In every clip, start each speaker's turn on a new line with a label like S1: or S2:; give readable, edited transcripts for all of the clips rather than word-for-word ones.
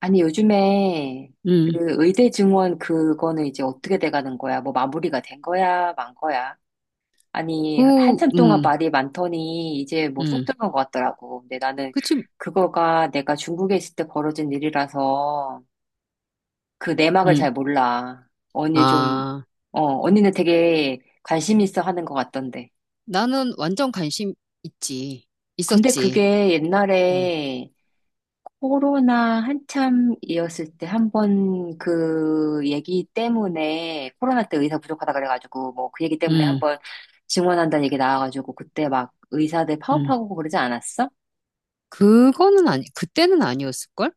S1: 아니, 요즘에
S2: 음.
S1: 그 의대 증원 그거는 이제 어떻게 돼 가는 거야? 뭐 마무리가 된 거야? 만 거야? 아니,
S2: 그,
S1: 한참 동안
S2: 음,
S1: 말이 많더니 이제 뭐 쏙
S2: 음,
S1: 들어간 것 같더라고. 근데 나는
S2: 그치.
S1: 그거가 내가 중국에 있을 때 벌어진 일이라서 그 내막을
S2: 음.
S1: 잘 몰라. 언니 좀,
S2: 아,
S1: 언니는 되게 관심 있어 하는 것 같던데.
S2: 나는 완전 관심 있지,
S1: 근데
S2: 있었지.
S1: 그게
S2: 음.
S1: 옛날에 코로나 한참이었을 때 한 번 그 얘기 때문에 코로나 때 의사 부족하다 그래가지고 뭐 그 얘기 때문에 한
S2: 음.
S1: 번 증원한다는 얘기 나와가지고 그때 막 의사들
S2: 음.
S1: 파업하고 그러지 않았어?
S2: 그거는 아니, 그때는 아니었을걸?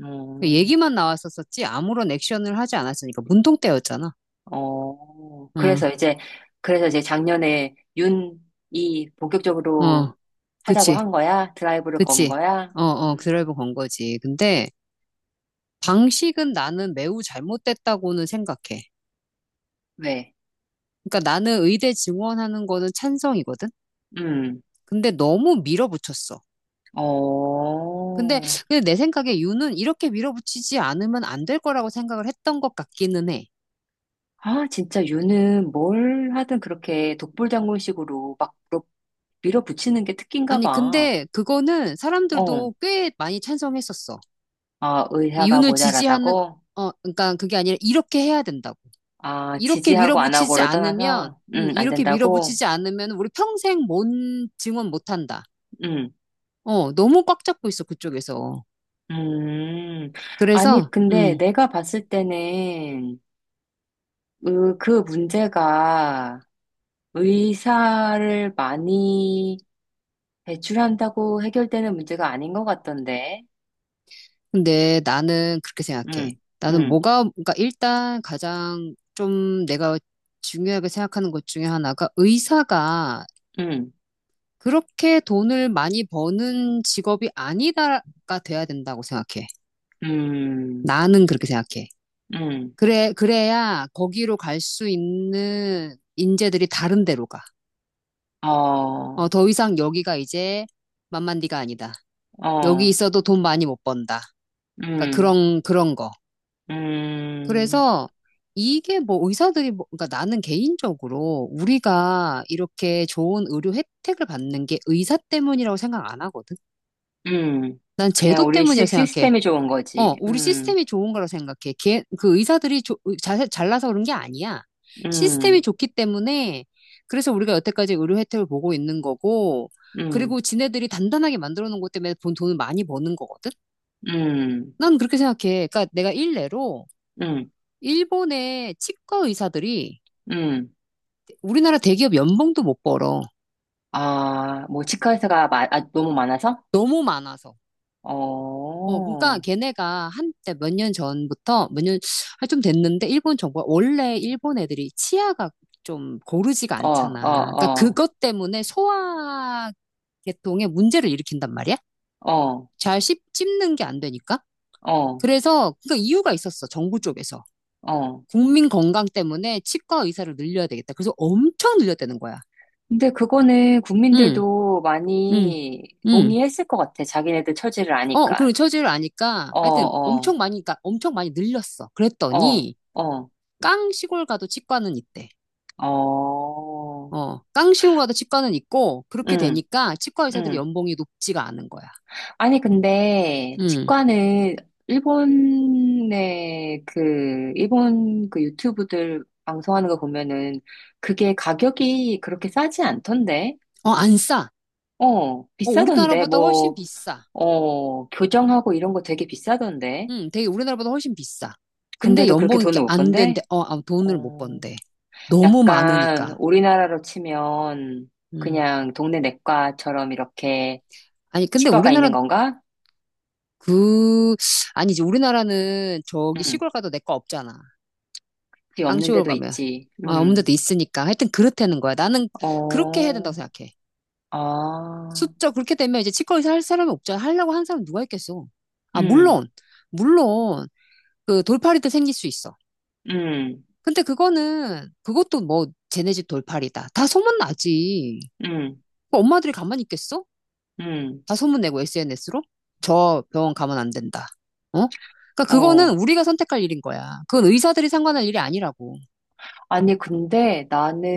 S1: 음,
S2: 얘기만 나왔었었지. 아무런 액션을 하지 않았으니까. 문동 때였잖아.
S1: 어,
S2: 응.
S1: 그래서 이제 작년에 윤이 본격적으로
S2: 어.
S1: 하자고
S2: 그치,
S1: 한 거야? 드라이브를 건
S2: 그치.
S1: 거야?
S2: 어, 어, 드라이브 건 거지. 방식은 나는 매우 잘못됐다고는 생각해.
S1: 왜?
S2: 그러니까 나는 의대 증원하는 거는 찬성이거든?
S1: 음,
S2: 근데 너무 밀어붙였어. 근데,
S1: 어.
S2: 근데 내 생각에 유는 이렇게 밀어붙이지 않으면 안 될 거라고 생각을 했던 것 같기는 해.
S1: 아, 진짜 유는 뭘 하든 그렇게 독불장군식으로 막 밀어붙이는 게 특기인가
S2: 아니,
S1: 봐.
S2: 근데 그거는
S1: 어,
S2: 사람들도 꽤 많이 찬성했었어.
S1: 아, 의사가
S2: 윤을 지지하는,
S1: 모자라다고?
S2: 어, 그러니까 그게 아니라 이렇게 해야 된다고.
S1: 아, 지지하고 안 하고를 떠나서, 안
S2: 이렇게
S1: 된다고?
S2: 밀어붙이지 않으면 우리 평생 뭔 증언 못 한다.
S1: 음,
S2: 어, 너무 꽉 잡고 있어, 그쪽에서.
S1: 음. 아니,
S2: 그래서,
S1: 근데
S2: 음.
S1: 내가 봤을 때는, 으, 그 문제가 의사를 많이 배출한다고 해결되는 문제가 아닌 것 같던데.
S2: 근데 나는 그렇게 생각해.
S1: 음, 음,
S2: 그러니까 일단 가장 좀 내가 중요하게 생각하는 것 중에 하나가, 의사가
S1: 음,
S2: 그렇게 돈을 많이 버는 직업이 아니다가 돼야 된다고 생각해.
S1: 음,
S2: 나는 그렇게 생각해.
S1: 음.
S2: 그래, 그래야 거기로 갈 수 있는 인재들이 다른 데로 가. 어,
S1: 어,
S2: 더 이상 여기가 이제 만만디가 아니다. 여기
S1: 어,
S2: 있어도 돈 많이 못 번다. 그러니까
S1: 음,
S2: 그런 거.
S1: 음,
S2: 그래서 이게 그러니까 나는 개인적으로 우리가 이렇게 좋은 의료 혜택을 받는 게 의사 때문이라고 생각 안 하거든.
S1: 음.
S2: 난 제도
S1: 그냥 우리
S2: 때문이라고 생각해.
S1: 시스템이 좋은
S2: 어,
S1: 거지.
S2: 우리 시스템이 좋은 거라고 생각해. 걔, 그 의사들이 잘나서 그런 게 아니야. 시스템이
S1: 음,
S2: 좋기 때문에 그래서 우리가 여태까지 의료 혜택을 보고 있는 거고,
S1: 음,
S2: 그리고 지네들이 단단하게 만들어 놓은 것 때문에 본 돈을 많이 버는 거거든.
S1: 음,
S2: 난 그렇게 생각해. 그러니까 내가 일례로
S1: 음,
S2: 일본의 치과 의사들이
S1: 음.
S2: 우리나라 대기업 연봉도 못 벌어.
S1: 아, 뭐, 치과의사가 마, 아, 너무 많아서?
S2: 너무 많아서.
S1: 어,
S2: 어, 그러니까
S1: 어,
S2: 걔네가 한 때 몇 년 전부터 몇 년, 아, 좀 됐는데, 일본 정부가, 원래 일본 애들이 치아가 좀 고르지가
S1: 어,
S2: 않잖아. 그러니까
S1: 어,
S2: 그것 때문에 소화계통에 문제를 일으킨단 말이야.
S1: 어,
S2: 씹는 게 안 되니까.
S1: 어,
S2: 그래서 그 이유가 있었어. 정부 쪽에서.
S1: 어.
S2: 국민 건강 때문에 치과 의사를 늘려야 되겠다. 그래서 엄청 늘렸다는 거야.
S1: 근데 그거는
S2: 응,
S1: 국민들도
S2: 응,
S1: 많이
S2: 응.
S1: 동의했을 것 같아. 자기네들 처지를
S2: 어,
S1: 아니까.
S2: 그리고 처지를 아니까
S1: 어,
S2: 하여튼
S1: 어,
S2: 엄청 많이, 그러니까 엄청 많이 늘렸어.
S1: 어,
S2: 그랬더니
S1: 어,
S2: 깡 시골 가도 치과는 있대.
S1: 어.
S2: 어, 깡 시골 가도 치과는 있고, 그렇게
S1: 응,
S2: 되니까 치과 의사들이
S1: 응.
S2: 연봉이 높지가 않은 거야.
S1: 아니, 근데,
S2: 음.
S1: 치과는, 일본의 그, 일본 그 유튜브들 방송하는 거 보면은, 그게 가격이 그렇게 싸지 않던데?
S2: 어, 안 싸.
S1: 어,
S2: 어,
S1: 비싸던데?
S2: 우리나라보다 훨씬
S1: 뭐,
S2: 비싸.
S1: 어, 교정하고 이런 거 되게 비싸던데?
S2: 되게 우리나라보다 훨씬 비싸. 근데
S1: 근데도 그렇게
S2: 연봉이 이렇게
S1: 돈을 못
S2: 안 된대.
S1: 번대?
S2: 돈을 못
S1: 어,
S2: 번대. 너무
S1: 약간,
S2: 많으니까.
S1: 우리나라로 치면,
S2: 음.
S1: 그냥 동네 내과처럼 이렇게
S2: 아니 근데
S1: 치과가
S2: 우리나라
S1: 있는 건가?
S2: 그 아니 이제 우리나라는 저기
S1: 응.
S2: 시골 가도 내 거 없잖아.
S1: 그게
S2: 깡
S1: 없는
S2: 쇼홀
S1: 데도
S2: 가면.
S1: 있지.
S2: 아, 없는
S1: 응.
S2: 데도 있으니까. 하여튼 그렇다는 거야. 나는 그렇게 해야 된다고
S1: 어,
S2: 생각해.
S1: 아,
S2: 숫자 그렇게 되면 이제 치과 의사 할 사람이 없잖아. 하려고 한 사람 누가 있겠어. 아,
S1: 음,
S2: 물론, 물론, 그 돌팔이도 생길 수 있어.
S1: 음,
S2: 근데 그것도 뭐, 쟤네 집 돌팔이다. 다 소문나지.
S1: 음,
S2: 그 엄마들이 가만히 있겠어?
S1: 음,
S2: 다 소문내고 SNS로? 저 병원 가면 안 된다. 어? 그러니까
S1: 어.
S2: 그거는 우리가 선택할 일인 거야. 그건 의사들이 상관할 일이 아니라고.
S1: 아니, 근데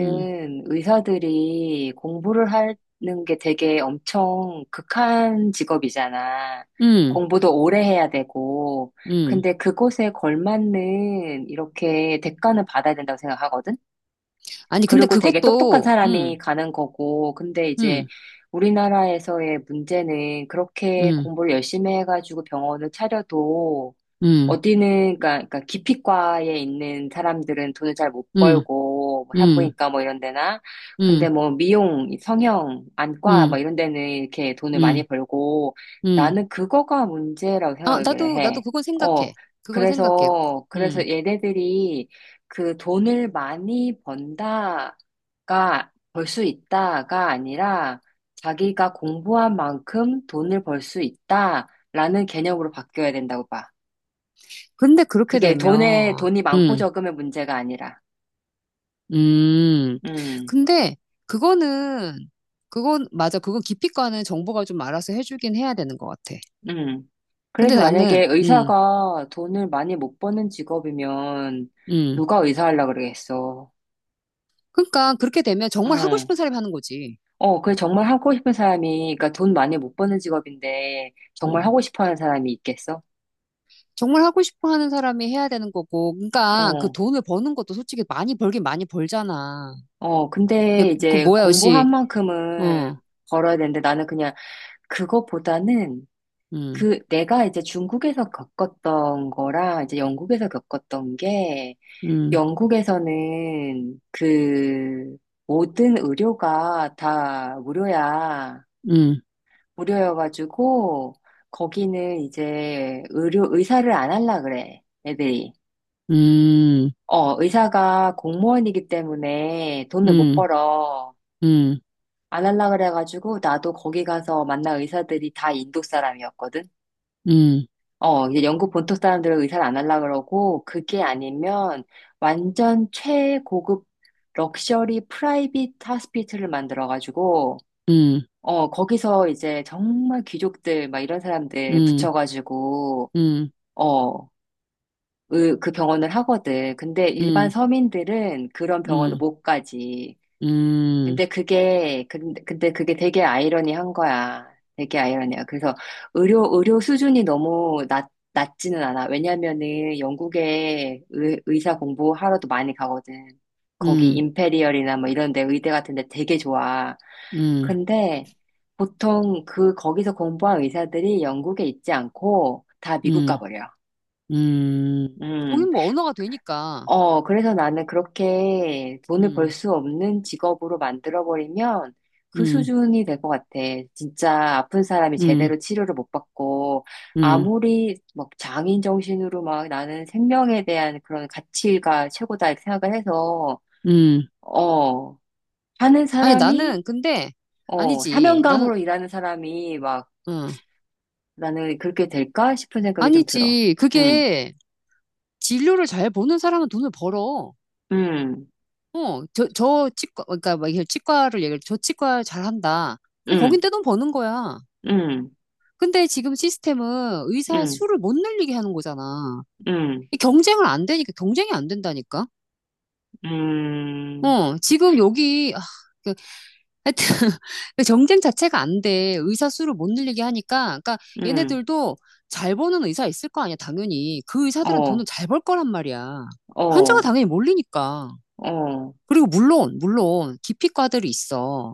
S2: 음,
S1: 의사들이 공부를 하는 게 되게 엄청 극한 직업이잖아.
S2: 음,
S1: 공부도 오래 해야 되고.
S2: 음.
S1: 근데 그곳에 걸맞는 이렇게 대가는 받아야 된다고 생각하거든?
S2: 아니, 근데
S1: 그리고 되게 똑똑한
S2: 그것도,
S1: 사람이 가는 거고, 근데 이제
S2: 음,
S1: 우리나라에서의 문제는 그렇게
S2: 음,
S1: 공부를 열심히 해가지고 병원을 차려도
S2: 음,
S1: 어디는, 그러니까, 기피과에 있는 사람들은 돈을 잘 못
S2: 음,
S1: 벌고, 뭐
S2: 음,
S1: 산부인과 뭐 이런 데나, 근데
S2: 음,
S1: 뭐 미용, 성형, 안과 뭐
S2: 음,
S1: 이런 데는 이렇게 돈을
S2: 음,
S1: 많이 벌고,
S2: 음,
S1: 나는 그거가 문제라고
S2: 아,
S1: 생각을
S2: 나도, 나도
S1: 해.
S2: 그건
S1: 어,
S2: 생각해. 그건 생각해.
S1: 그래서,
S2: 음.
S1: 그래서 얘네들이 그 돈을 많이 벌 수 있다가 아니라, 자기가 공부한 만큼 돈을 벌 수 있다라는 개념으로 바뀌어야 된다고 봐.
S2: 근데 그렇게
S1: 그게
S2: 되면,
S1: 돈이 많고
S2: 음,
S1: 적음의 문제가 아니라.
S2: 음.
S1: 음,
S2: 근데 그거는, 맞아. 그건 기피과는 정보가 좀 알아서 해주긴 해야 되는 것 같아.
S1: 음,
S2: 근데
S1: 그래서
S2: 나는,
S1: 만약에
S2: 음,
S1: 의사가 돈을 많이 못 버는 직업이면
S2: 음.
S1: 누가 의사 하려고 그러겠어.
S2: 그러니까 그렇게 되면 정말 하고
S1: 어,
S2: 싶은 사람이 하는 거지.
S1: 어, 그 정말 하고 싶은 사람이, 그러니까 돈 많이 못 버는 직업인데 정말
S2: 음.
S1: 하고 싶어 하는 사람이 있겠어?
S2: 정말 하고 싶어 하는 사람이 해야 되는 거고. 그러니까 그
S1: 어,
S2: 돈을 버는 것도 솔직히 많이 벌긴 많이 벌잖아.
S1: 어,
S2: 예,
S1: 근데
S2: 그
S1: 이제
S2: 뭐야, 역시.
S1: 공부한
S2: 어,
S1: 만큼은 벌어야 되는데 나는 그냥 그것보다는
S2: 음.
S1: 그 내가 이제 중국에서 겪었던 거랑 이제 영국에서 겪었던 게
S2: 음.
S1: 영국에서는 그 모든 의료가 다 무료야.
S2: 음.
S1: 무료여가지고 거기는 이제 의료 의사를 안 할라 그래. 애들이.
S2: 음.
S1: 어, 의사가 공무원이기 때문에 돈을 못
S2: 음.
S1: 벌어.
S2: 음.
S1: 안 할라 그래가지고 나도 거기 가서 만난 의사들이 다 인도 사람이었거든.
S2: 음.
S1: 어, 이제 영국 본토 사람들은 의사를 안 하려고 그러고, 그게 아니면 완전 최고급 럭셔리 프라이빗 하스피트를 만들어가지고,
S2: 음.
S1: 어, 거기서 이제 정말 귀족들, 막 이런 사람들
S2: 음.
S1: 붙여가지고,
S2: 음.
S1: 어, 그 병원을 하거든. 근데 일반
S2: 음.
S1: 서민들은 그런 병원을
S2: 음.
S1: 못 가지.
S2: 음.
S1: 근데 그게, 근데 그게 되게 아이러니한 거야. 되게 아이러니야. 그래서 의료 수준이 너무 낮지는 않아. 왜냐면은 영국에 의사 공부하러도 많이 가거든. 거기
S2: 음.
S1: 임페리얼이나 뭐 이런 데 의대 같은 데 되게 좋아.
S2: 음.
S1: 근데 보통 그, 거기서 공부한 의사들이 영국에 있지 않고 다 미국
S2: 음.
S1: 가버려.
S2: 음.
S1: 음.
S2: 거긴 뭐 언어가 되니까.
S1: 어, 그래서 나는 그렇게 돈을 벌
S2: 음.
S1: 수 없는 직업으로 만들어버리면 그
S2: 음.
S1: 수준이 될 것 같아. 진짜 아픈 사람이
S2: 음.
S1: 제대로 치료를 못 받고,
S2: 음.
S1: 아무리 막 장인 정신으로 막 나는 생명에 대한 그런 가치가 최고다 이렇게 생각을 해서,
S2: 음.
S1: 어, 하는
S2: 아니,
S1: 사람이,
S2: 나는
S1: 어,
S2: 아니지. 나는,
S1: 사명감으로 일하는 사람이 막
S2: 어.
S1: 나는 그렇게 될까 싶은 생각이 좀 들어.
S2: 아니지.
S1: 응,
S2: 그게, 진료를 잘 보는 사람은 돈을 벌어.
S1: 응,
S2: 그러니까 막 이게 치과 잘한다. 그럼 거긴
S1: 응,
S2: 떼돈 버는 거야.
S1: 응,
S2: 근데 지금 시스템은 의사
S1: 응,
S2: 수를 못 늘리게 하는 거잖아.
S1: 응,
S2: 이 경쟁을 안 되니까, 경쟁이 안 된다니까.
S1: 응.
S2: 어, 지금 여기, 아, 그, 하여튼, 그 경쟁 자체가 안 돼. 의사 수를 못 늘리게 하니까. 그러니까
S1: 응,
S2: 얘네들도 잘 버는 의사 있을 거 아니야, 당연히. 그 의사들은 돈을
S1: 어,
S2: 잘 벌 거란 말이야. 환자가
S1: 어,
S2: 당연히 몰리니까.
S1: 어,
S2: 그리고 물론, 기피과들이 있어.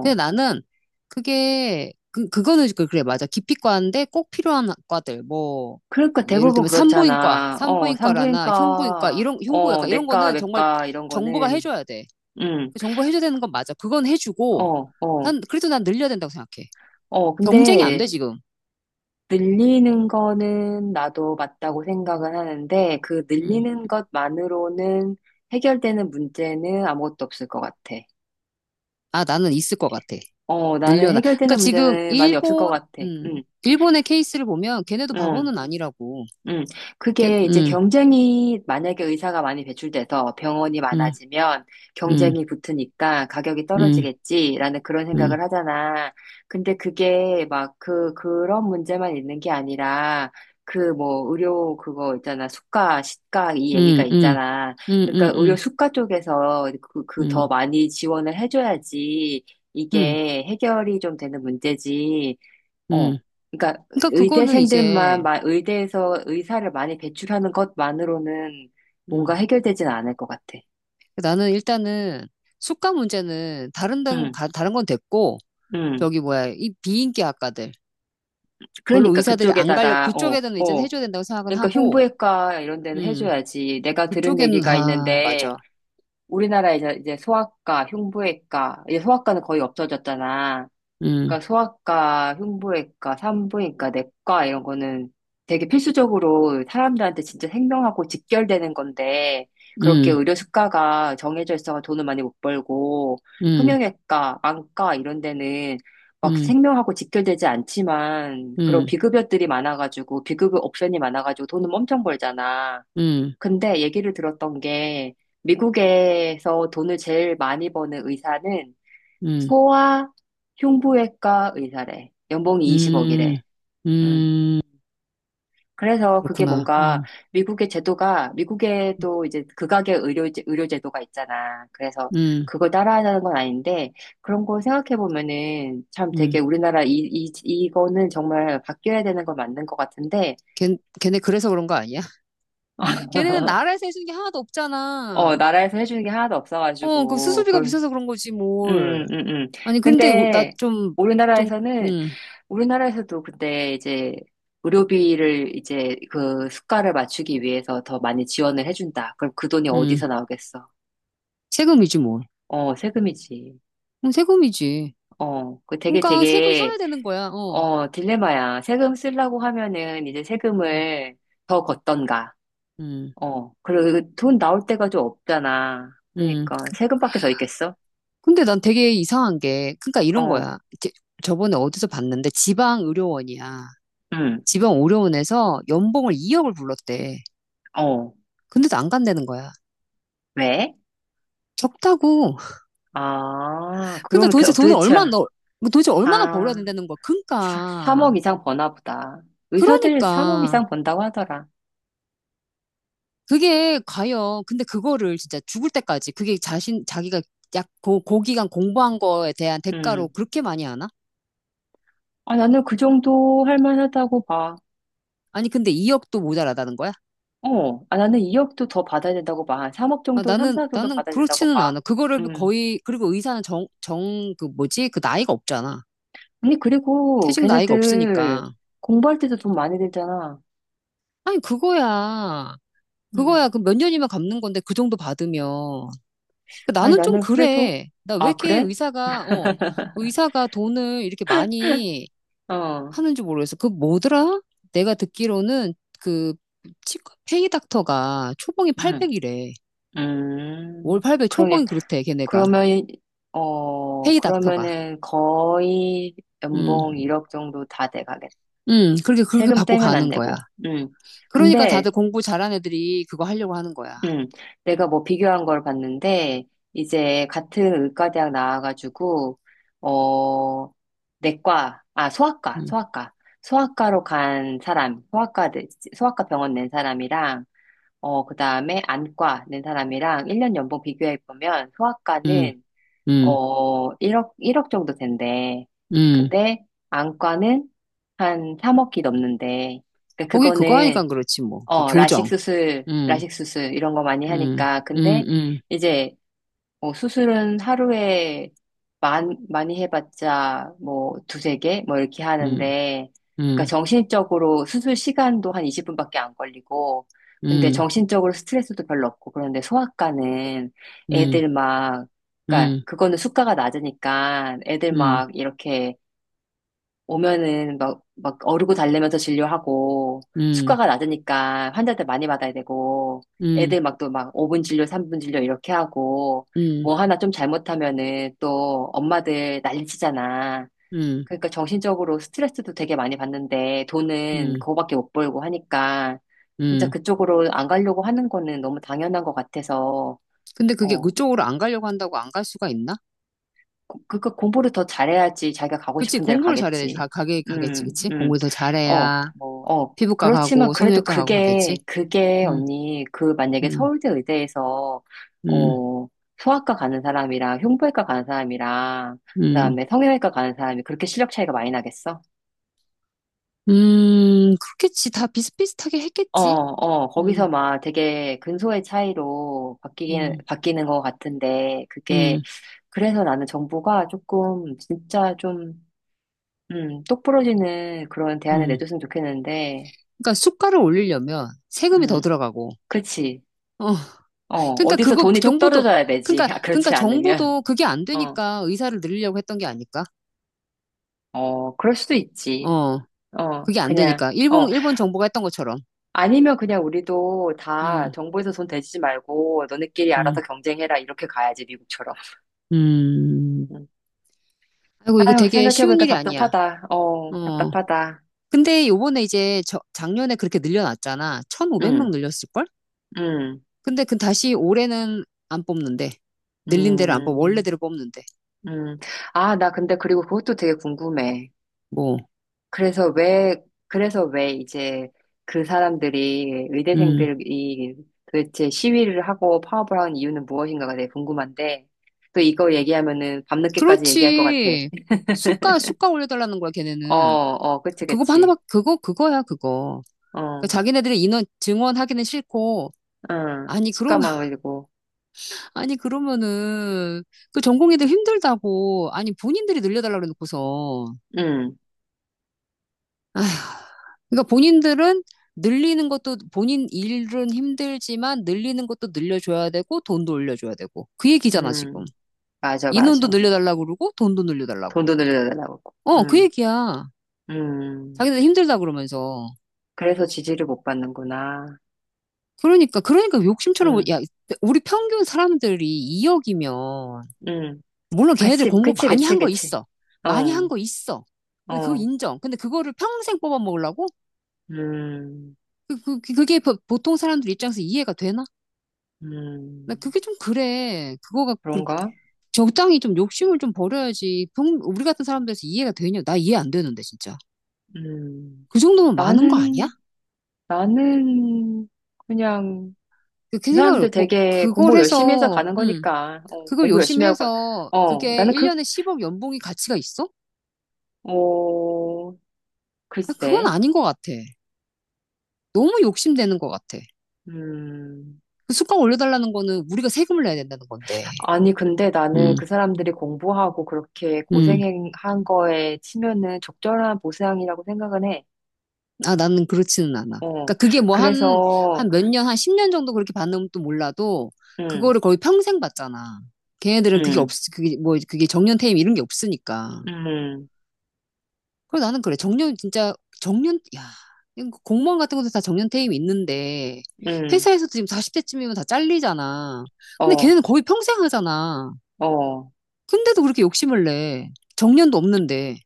S2: 근데 나는 그게, 그, 그거는, 그- 그래, 맞아. 기피과인데 꼭 필요한 과들, 뭐,
S1: 그러니까
S2: 예를
S1: 대부분
S2: 들면
S1: 그렇잖아. 어,
S2: 산부인과라나
S1: 산부인과, 어,
S2: 흉부외과, 이런
S1: 내과,
S2: 거는 정말
S1: 외과, 이런
S2: 정부가
S1: 거는,
S2: 해줘야 돼.
S1: 응,
S2: 정부가 해줘야 되는 건 맞아. 그건 해주고,
S1: 어, 어,
S2: 그래도 난 늘려야 된다고 생각해.
S1: 어.
S2: 경쟁이 안 돼,
S1: 근데
S2: 지금.
S1: 늘리는 거는 나도 맞다고 생각은 하는데, 그
S2: 음.
S1: 늘리는 것만으로는 해결되는 문제는 아무것도 없을 것 같아.
S2: 아, 나는 있을 것 같아.
S1: 어, 나는
S2: 늘려나. 그러니까
S1: 해결되는 문제는 많이 없을 것 같아. 응,
S2: 일본의 케이스를 보면 걔네도
S1: 응.
S2: 바보는 아니라고.
S1: 음,
S2: 걔,
S1: 그게 이제
S2: 음,
S1: 경쟁이 만약에 의사가 많이 배출돼서 병원이
S2: 음,
S1: 많아지면
S2: 음.
S1: 경쟁이 붙으니까 가격이
S2: 음.
S1: 떨어지겠지라는 그런 생각을
S2: 음.
S1: 하잖아. 근데 그게 막 그, 그런 문제만 있는 게 아니라 그 뭐 의료 그거 있잖아. 수가, 시가 이 얘기가
S2: 음. 음.
S1: 있잖아.
S2: 음.
S1: 그러니까 의료
S2: 음.
S1: 수가 쪽에서 그, 그 더
S2: 음.
S1: 많이 지원을 해줘야지
S2: 음. 음.
S1: 이게 해결이 좀 되는 문제지. 어.
S2: 음.
S1: 그러니까
S2: 그러니까 그거는 이제
S1: 의대에서 의사를 많이 배출하는 것만으로는 뭔가
S2: 음.
S1: 해결되진 않을 것 같아.
S2: 나는 일단은 숙가 문제는
S1: 응,
S2: 다른 건 됐고,
S1: 응.
S2: 저기 뭐야, 이 비인기 학과들 별로
S1: 그러니까
S2: 의사들이 안 갈려,
S1: 그쪽에다가 어,
S2: 그쪽에는 이제
S1: 어.
S2: 해줘야 된다고 생각은
S1: 그러니까
S2: 하고.
S1: 흉부외과 이런 데는
S2: 음.
S1: 해줘야지. 내가 들은
S2: 그쪽에는
S1: 얘기가
S2: 아
S1: 있는데
S2: 맞아.
S1: 우리나라에 이제 소아과, 흉부외과, 이제 소아과는 거의 없어졌잖아.
S2: 음.
S1: 그러니까 소아과, 흉부외과, 산부인과, 내과 이런 거는 되게 필수적으로 사람들한테 진짜 생명하고 직결되는 건데 그렇게
S2: 음.
S1: 의료 수가가 정해져 있어서 돈을 많이 못 벌고
S2: 음.
S1: 성형외과, 안과 이런 데는 막
S2: 음.
S1: 생명하고 직결되지 않지만 그런
S2: 음.
S1: 비급여들이 많아가지고 비급여 옵션이 많아가지고 돈은 엄청 벌잖아.
S2: 음.
S1: 근데 얘기를 들었던 게 미국에서 돈을 제일 많이 버는 의사는
S2: 음.
S1: 소아 흉부외과 의사래. 연봉이
S2: 음.
S1: 20억이래. 음.
S2: 음.
S1: 그래서 그게
S2: 그렇구나.
S1: 뭔가
S2: 음.
S1: 미국의 제도가 미국에도 이제 극악의 의료 제도가 있잖아. 그래서
S2: 음.
S1: 그걸 따라하자는 건 아닌데 그런 거 생각해 보면은 참 되게
S2: 음.
S1: 우리나라 이 이거는 정말 바뀌어야 되는 건 맞는 것 같은데
S2: 걔 걔네 그래서 그런 거 아니야? 걔네는 나라에서 해주는 게 하나도
S1: 어
S2: 없잖아.
S1: 나라에서 해주는 게 하나도
S2: 어, 그
S1: 없어가지고
S2: 수수비가
S1: 그런
S2: 비싸서 그런 거지, 뭘.
S1: 음.
S2: 아니, 근데 나
S1: 근데
S2: 좀, 좀,
S1: 우리나라에서는
S2: 음,
S1: 우리나라에서도 근데 이제 의료비를 이제 그 수가를 맞추기 위해서 더 많이 지원을 해준다. 그럼 그 돈이
S2: 음.
S1: 어디서 나오겠어?
S2: 세금이지, 뭘.
S1: 어, 세금이지.
S2: 세금이지.
S1: 어,
S2: 그러니까 세금 써야 되는 거야, 어.
S1: 어, 딜레마야. 세금 쓰려고 하면은 이제
S2: 음.
S1: 세금을 더 걷던가.
S2: 음.
S1: 어, 그리고 그 돈 나올 때가 좀 없잖아.
S2: 음.
S1: 그러니까 세금밖에 더 있겠어?
S2: 근데 난 되게 이상한 게, 그러니까 이런
S1: 어,
S2: 거야. 제- 저번에 어디서 봤는데 지방 의료원이야.
S1: 응,
S2: 지방 의료원에서 연봉을 2억을 불렀대.
S1: 어,
S2: 근데도 안 간다는 거야.
S1: 왜?
S2: 적다고.
S1: 아,
S2: 그러니까
S1: 그러면 도대체,
S2: 도대체 얼마나 벌어야
S1: 아.
S2: 된다는 거야. 그러니까.
S1: 3억 이상 버나 보다. 의사들 3억
S2: 그러니까
S1: 이상 번다고 하더라.
S2: 그게 과연, 근데 그거를 진짜 죽을 때까지 그게 자신 자기가 약 고기간 공부한 거에 대한 대가로
S1: 음.
S2: 그렇게 많이 하나?
S1: 아, 나는 그 정도 할 만하다고 봐.
S2: 아니 근데 2억도 모자라다는 거야?
S1: 어. 아, 나는 2억도 더 받아야 된다고 봐. 3억
S2: 아
S1: 정도, 3,
S2: 나는
S1: 4억 정도 받아야 된다고
S2: 그렇지는
S1: 봐.
S2: 않아. 그거를
S1: 음.
S2: 거의. 그리고 의사는 정 정 그 뭐지? 그 나이가 없잖아.
S1: 아니, 그리고
S2: 퇴직 나이가
S1: 걔네들
S2: 없으니까.
S1: 공부할 때도 돈 많이 들잖아.
S2: 아니 그거야. 그거야.
S1: 음.
S2: 그 몇 년이면 갚는 건데 그 정도 받으면, 그
S1: 아니,
S2: 나는 좀
S1: 나는 그래도,
S2: 그래. 나 왜
S1: 아,
S2: 이렇게
S1: 그래?
S2: 의사가, 어, 의사가 돈을 이렇게 많이
S1: 어.
S2: 하는지 모르겠어. 그 뭐더라? 내가 듣기로는 그 치과 페이 닥터가 초봉이
S1: 음.
S2: 800이래. 월
S1: 음.
S2: 800
S1: 그러게.
S2: 초봉이 그렇대, 걔네가.
S1: 그러면, 어,
S2: 페이 닥터가.
S1: 그러면은 거의
S2: 음.
S1: 연봉 1억 정도 다돼가겠다.
S2: 그렇게 그렇게
S1: 세금
S2: 받고
S1: 떼면 안
S2: 가는 거야.
S1: 되고. 음.
S2: 그러니까
S1: 근데
S2: 다들 공부 잘한 애들이 그거 하려고 하는 거야.
S1: 음. 내가 뭐 비교한 걸 봤는데 이제 같은 의과대학 나와가지고 어 내과 아
S2: 음.
S1: 소아과 소아과로 간 사람 소아과 병원 낸 사람이랑 어 그다음에 안과 낸 사람이랑 1년 연봉 비교해 보면
S2: 음.
S1: 소아과는
S2: 음.
S1: 어 1억 일억 정도 된대.
S2: 음.
S1: 근데 안과는 한 3억이 넘는데 그러니까
S2: 거기 그거 하니까
S1: 그거는
S2: 그렇지 뭐. 그
S1: 어,
S2: 교정. 음.
S1: 라식 수술, 이런 거 많이
S2: 음.
S1: 하니까. 근데
S2: 음.
S1: 이제, 뭐 수술은 하루에 많이 해봤자, 뭐, 두세 개? 뭐, 이렇게
S2: 음.
S1: 하는데, 그러니까
S2: 음.
S1: 정신적으로 수술 시간도 한 20분밖에 안 걸리고, 근데
S2: 음.
S1: 정신적으로 스트레스도 별로 없고, 그런데 소아과는
S2: 음.
S1: 애들 막, 그러니까
S2: 음.
S1: 그거는 수가가 낮으니까 애들
S2: 음.
S1: 막 이렇게 오면은 막, 막 어르고 달래면서 진료하고,
S2: 음.
S1: 수가가 낮으니까 환자들 많이 받아야 되고,
S2: 음.
S1: 애들 막 또 막 5분 진료, 3분 진료 이렇게 하고,
S2: 음. 음.
S1: 뭐 하나 좀 잘못하면은 또 엄마들 난리치잖아.
S2: 음.
S1: 그러니까 정신적으로 스트레스도 되게 많이 받는데, 돈은
S2: 음.
S1: 그거밖에 못 벌고 하니까, 진짜
S2: 음,
S1: 그쪽으로 안 가려고 하는 거는 너무 당연한 것 같아서,
S2: 근데 그게
S1: 어,
S2: 그쪽으로 안 가려고 한다고 안 갈 수가 있나?
S1: 그거 공부를 더 잘해야지 자기가 가고
S2: 그치,
S1: 싶은 데를
S2: 공부를 잘해야
S1: 가겠지.
S2: 가겠지,
S1: 음,
S2: 그치?
S1: 음.
S2: 공부를 더
S1: 어,
S2: 잘해야, 뭐,
S1: 어.
S2: 피부과
S1: 그렇지만
S2: 가고,
S1: 그래도
S2: 성형외과 가고 가겠지?
S1: 그게, 그게
S2: 음.
S1: 언니, 그 만약에
S2: 음.
S1: 서울대 의대에서,
S2: 음.
S1: 어, 소아과 가는 사람이랑 흉부외과 가는 사람이랑,
S2: 음.
S1: 그다음에 성형외과 가는 사람이 그렇게 실력 차이가 많이 나겠어?
S2: 그렇겠지. 다 비슷비슷하게
S1: 어,
S2: 했겠지?
S1: 어, 거기서
S2: 음.
S1: 막 되게 근소의 차이로
S2: 음.
S1: 바뀌는 것 같은데, 그게,
S2: 음.
S1: 그래서 나는 정부가 조금, 진짜 좀, 똑 부러지는 그런 대안을
S2: 음.
S1: 내줬으면 좋겠는데,
S2: 그러니까 수가를 올리려면 세금이 더
S1: 음,
S2: 들어가고,
S1: 그치.
S2: 어,
S1: 어,
S2: 그러니까
S1: 어디서 돈이 뚝 떨어져야 되지. 아,
S2: 그러니까
S1: 그렇지 않으면.
S2: 정부도 그게 안
S1: 어,
S2: 되니까 의사를 늘리려고 했던 게 아닐까?
S1: 어, 그럴 수도 있지.
S2: 어,
S1: 어,
S2: 그게 안
S1: 그냥,
S2: 되니까.
S1: 어,
S2: 일본 정부가 했던 것처럼.
S1: 아니면 그냥 우리도 다
S2: 음,
S1: 정부에서 돈 대지 말고 너네끼리 알아서
S2: 음.
S1: 경쟁해라. 이렇게 가야지, 미국처럼.
S2: 음.
S1: 음.
S2: 아이고, 이거
S1: 아유,
S2: 되게 쉬운
S1: 생각해보니까
S2: 일이 아니야.
S1: 답답하다. 어,
S2: 어.
S1: 답답하다.
S2: 근데 요번에 이제 작년에 그렇게 늘려놨잖아. 1,500명
S1: 음,
S2: 늘렸을걸?
S1: 음,
S2: 근데 그 다시 올해는 안 뽑는데. 늘린 대로 안 뽑,
S1: 음,
S2: 원래대로 뽑는데.
S1: 음. 아, 나 근데 그리고 그것도 되게 궁금해.
S2: 뭐,
S1: 그래서 왜 이제 그 사람들이,
S2: 음.
S1: 의대생들이 도대체 시위를 하고 파업을 하는 이유는 무엇인가가 되게 궁금한데, 또 이거 얘기하면은 밤늦게까지 얘기할 것 같아.
S2: 그렇지. 수가 올려달라는 거야,
S1: 어,
S2: 걔네는.
S1: 어, 그치, 그치.
S2: 그거야, 그거. 그러니까
S1: 어,
S2: 자기네들이 인원, 증원하기는 싫고.
S1: 응.
S2: 아니,
S1: 시가
S2: 그러면,
S1: 많아지고,
S2: 아니, 그러면은, 그 전공의들 힘들다고. 아니, 본인들이 늘려달라 그래놓고서.
S1: 응,
S2: 아휴, 그러니까 본인들은 늘리는 것도 본인 일은 힘들지만, 늘리는 것도 늘려줘야 되고, 돈도 올려줘야 되고, 그 얘기잖아 지금.
S1: 응. 맞아, 맞아.
S2: 인원도 늘려달라고 그러고 돈도 늘려달라고
S1: 돈도
S2: 그러고,
S1: 늘려달라고.
S2: 어, 그
S1: 응,
S2: 얘기야.
S1: 응.
S2: 자기들 힘들다 그러면서.
S1: 그래서 지지를 못 받는구나.
S2: 그러니까 욕심처럼
S1: 응,
S2: 야, 우리 평균 사람들이 2억이면,
S1: 응.
S2: 물론 걔네들
S1: 같이,
S2: 공부
S1: 그치,
S2: 많이
S1: 그치,
S2: 한 거
S1: 그치.
S2: 있어, 많이 한
S1: 어,
S2: 거 있어, 근데 그거
S1: 어,
S2: 인정. 근데 그거를 평생 뽑아먹으려고
S1: 음.
S2: 그게 보통 사람들 입장에서 이해가 되나. 나
S1: 음,
S2: 그게 좀 그래. 그거가 그렇게.
S1: 그런가?
S2: 적당히 좀 욕심을 좀 버려야지. 우리 같은 사람들에서 이해가 되냐? 나 이해 안 되는데 진짜.
S1: 음,
S2: 그 정도면 많은 거 아니야?
S1: 나는, 나는 그냥
S2: 그렇게
S1: 이
S2: 생각을
S1: 사람들 되게
S2: 그걸
S1: 공부 열심히 해서
S2: 해서
S1: 가는
S2: 음,
S1: 거니까, 어,
S2: 그걸
S1: 공부
S2: 열심히
S1: 열심히 하고, 가,
S2: 해서
S1: 어,
S2: 그게
S1: 나는 그,
S2: 1년에 10억 연봉이 가치가 있어?
S1: 어,
S2: 나 그건
S1: 글쎄.
S2: 아닌 것 같아. 너무 욕심되는 것 같아.
S1: 음,
S2: 그 수가 올려달라는 거는 우리가 세금을 내야 된다는 건데.
S1: 아니, 근데 나는
S2: 음,
S1: 그 사람들이 공부하고 그렇게
S2: 음.
S1: 고생한 거에 치면은 적절한 보상이라고 생각은 해.
S2: 아, 나는 그렇지는 않아.
S1: 어,
S2: 그러니까 그게 뭐
S1: 그래서,
S2: 한 몇 년, 한 10년 정도 그렇게 받는 것도 몰라도,
S1: 음,
S2: 그거를 거의 평생 받잖아. 걔네들은 그게 없,
S1: 음,
S2: 그게 뭐, 그게 정년 퇴임 이런 게 없으니까.
S1: 음,
S2: 그래서 나는 그래. 야, 이거 공무원 같은 것도 다 정년 퇴임 있는데,
S1: 음,
S2: 회사에서도 지금 40대쯤이면 다 잘리잖아. 근데
S1: 어,
S2: 걔네는 거의 평생 하잖아.
S1: 어.
S2: 근데도 그렇게 욕심을 내. 정년도 없는데.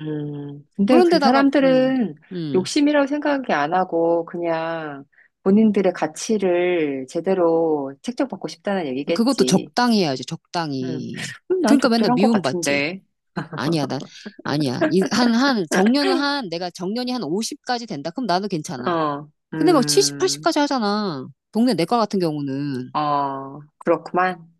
S1: 근데 그
S2: 그런데다가, 음,
S1: 사람들은
S2: 음.
S1: 욕심이라고 생각이 안 하고 그냥 본인들의 가치를 제대로 책정받고 싶다는
S2: 그것도
S1: 얘기겠지.
S2: 적당히 해야지,
S1: 음,
S2: 적당히.
S1: 난
S2: 그러니까 맨날
S1: 적절한 것
S2: 미움받지.
S1: 같은데.
S2: 아니야, 난, 아니야. 이, 한, 한, 정년은 한, 내가 정년이 한 50까지 된다. 그럼 나도 괜찮아.
S1: 어,
S2: 근데 막 70, 80까지 하잖아. 동네 내과 같은 경우는.
S1: 어, 그렇구만.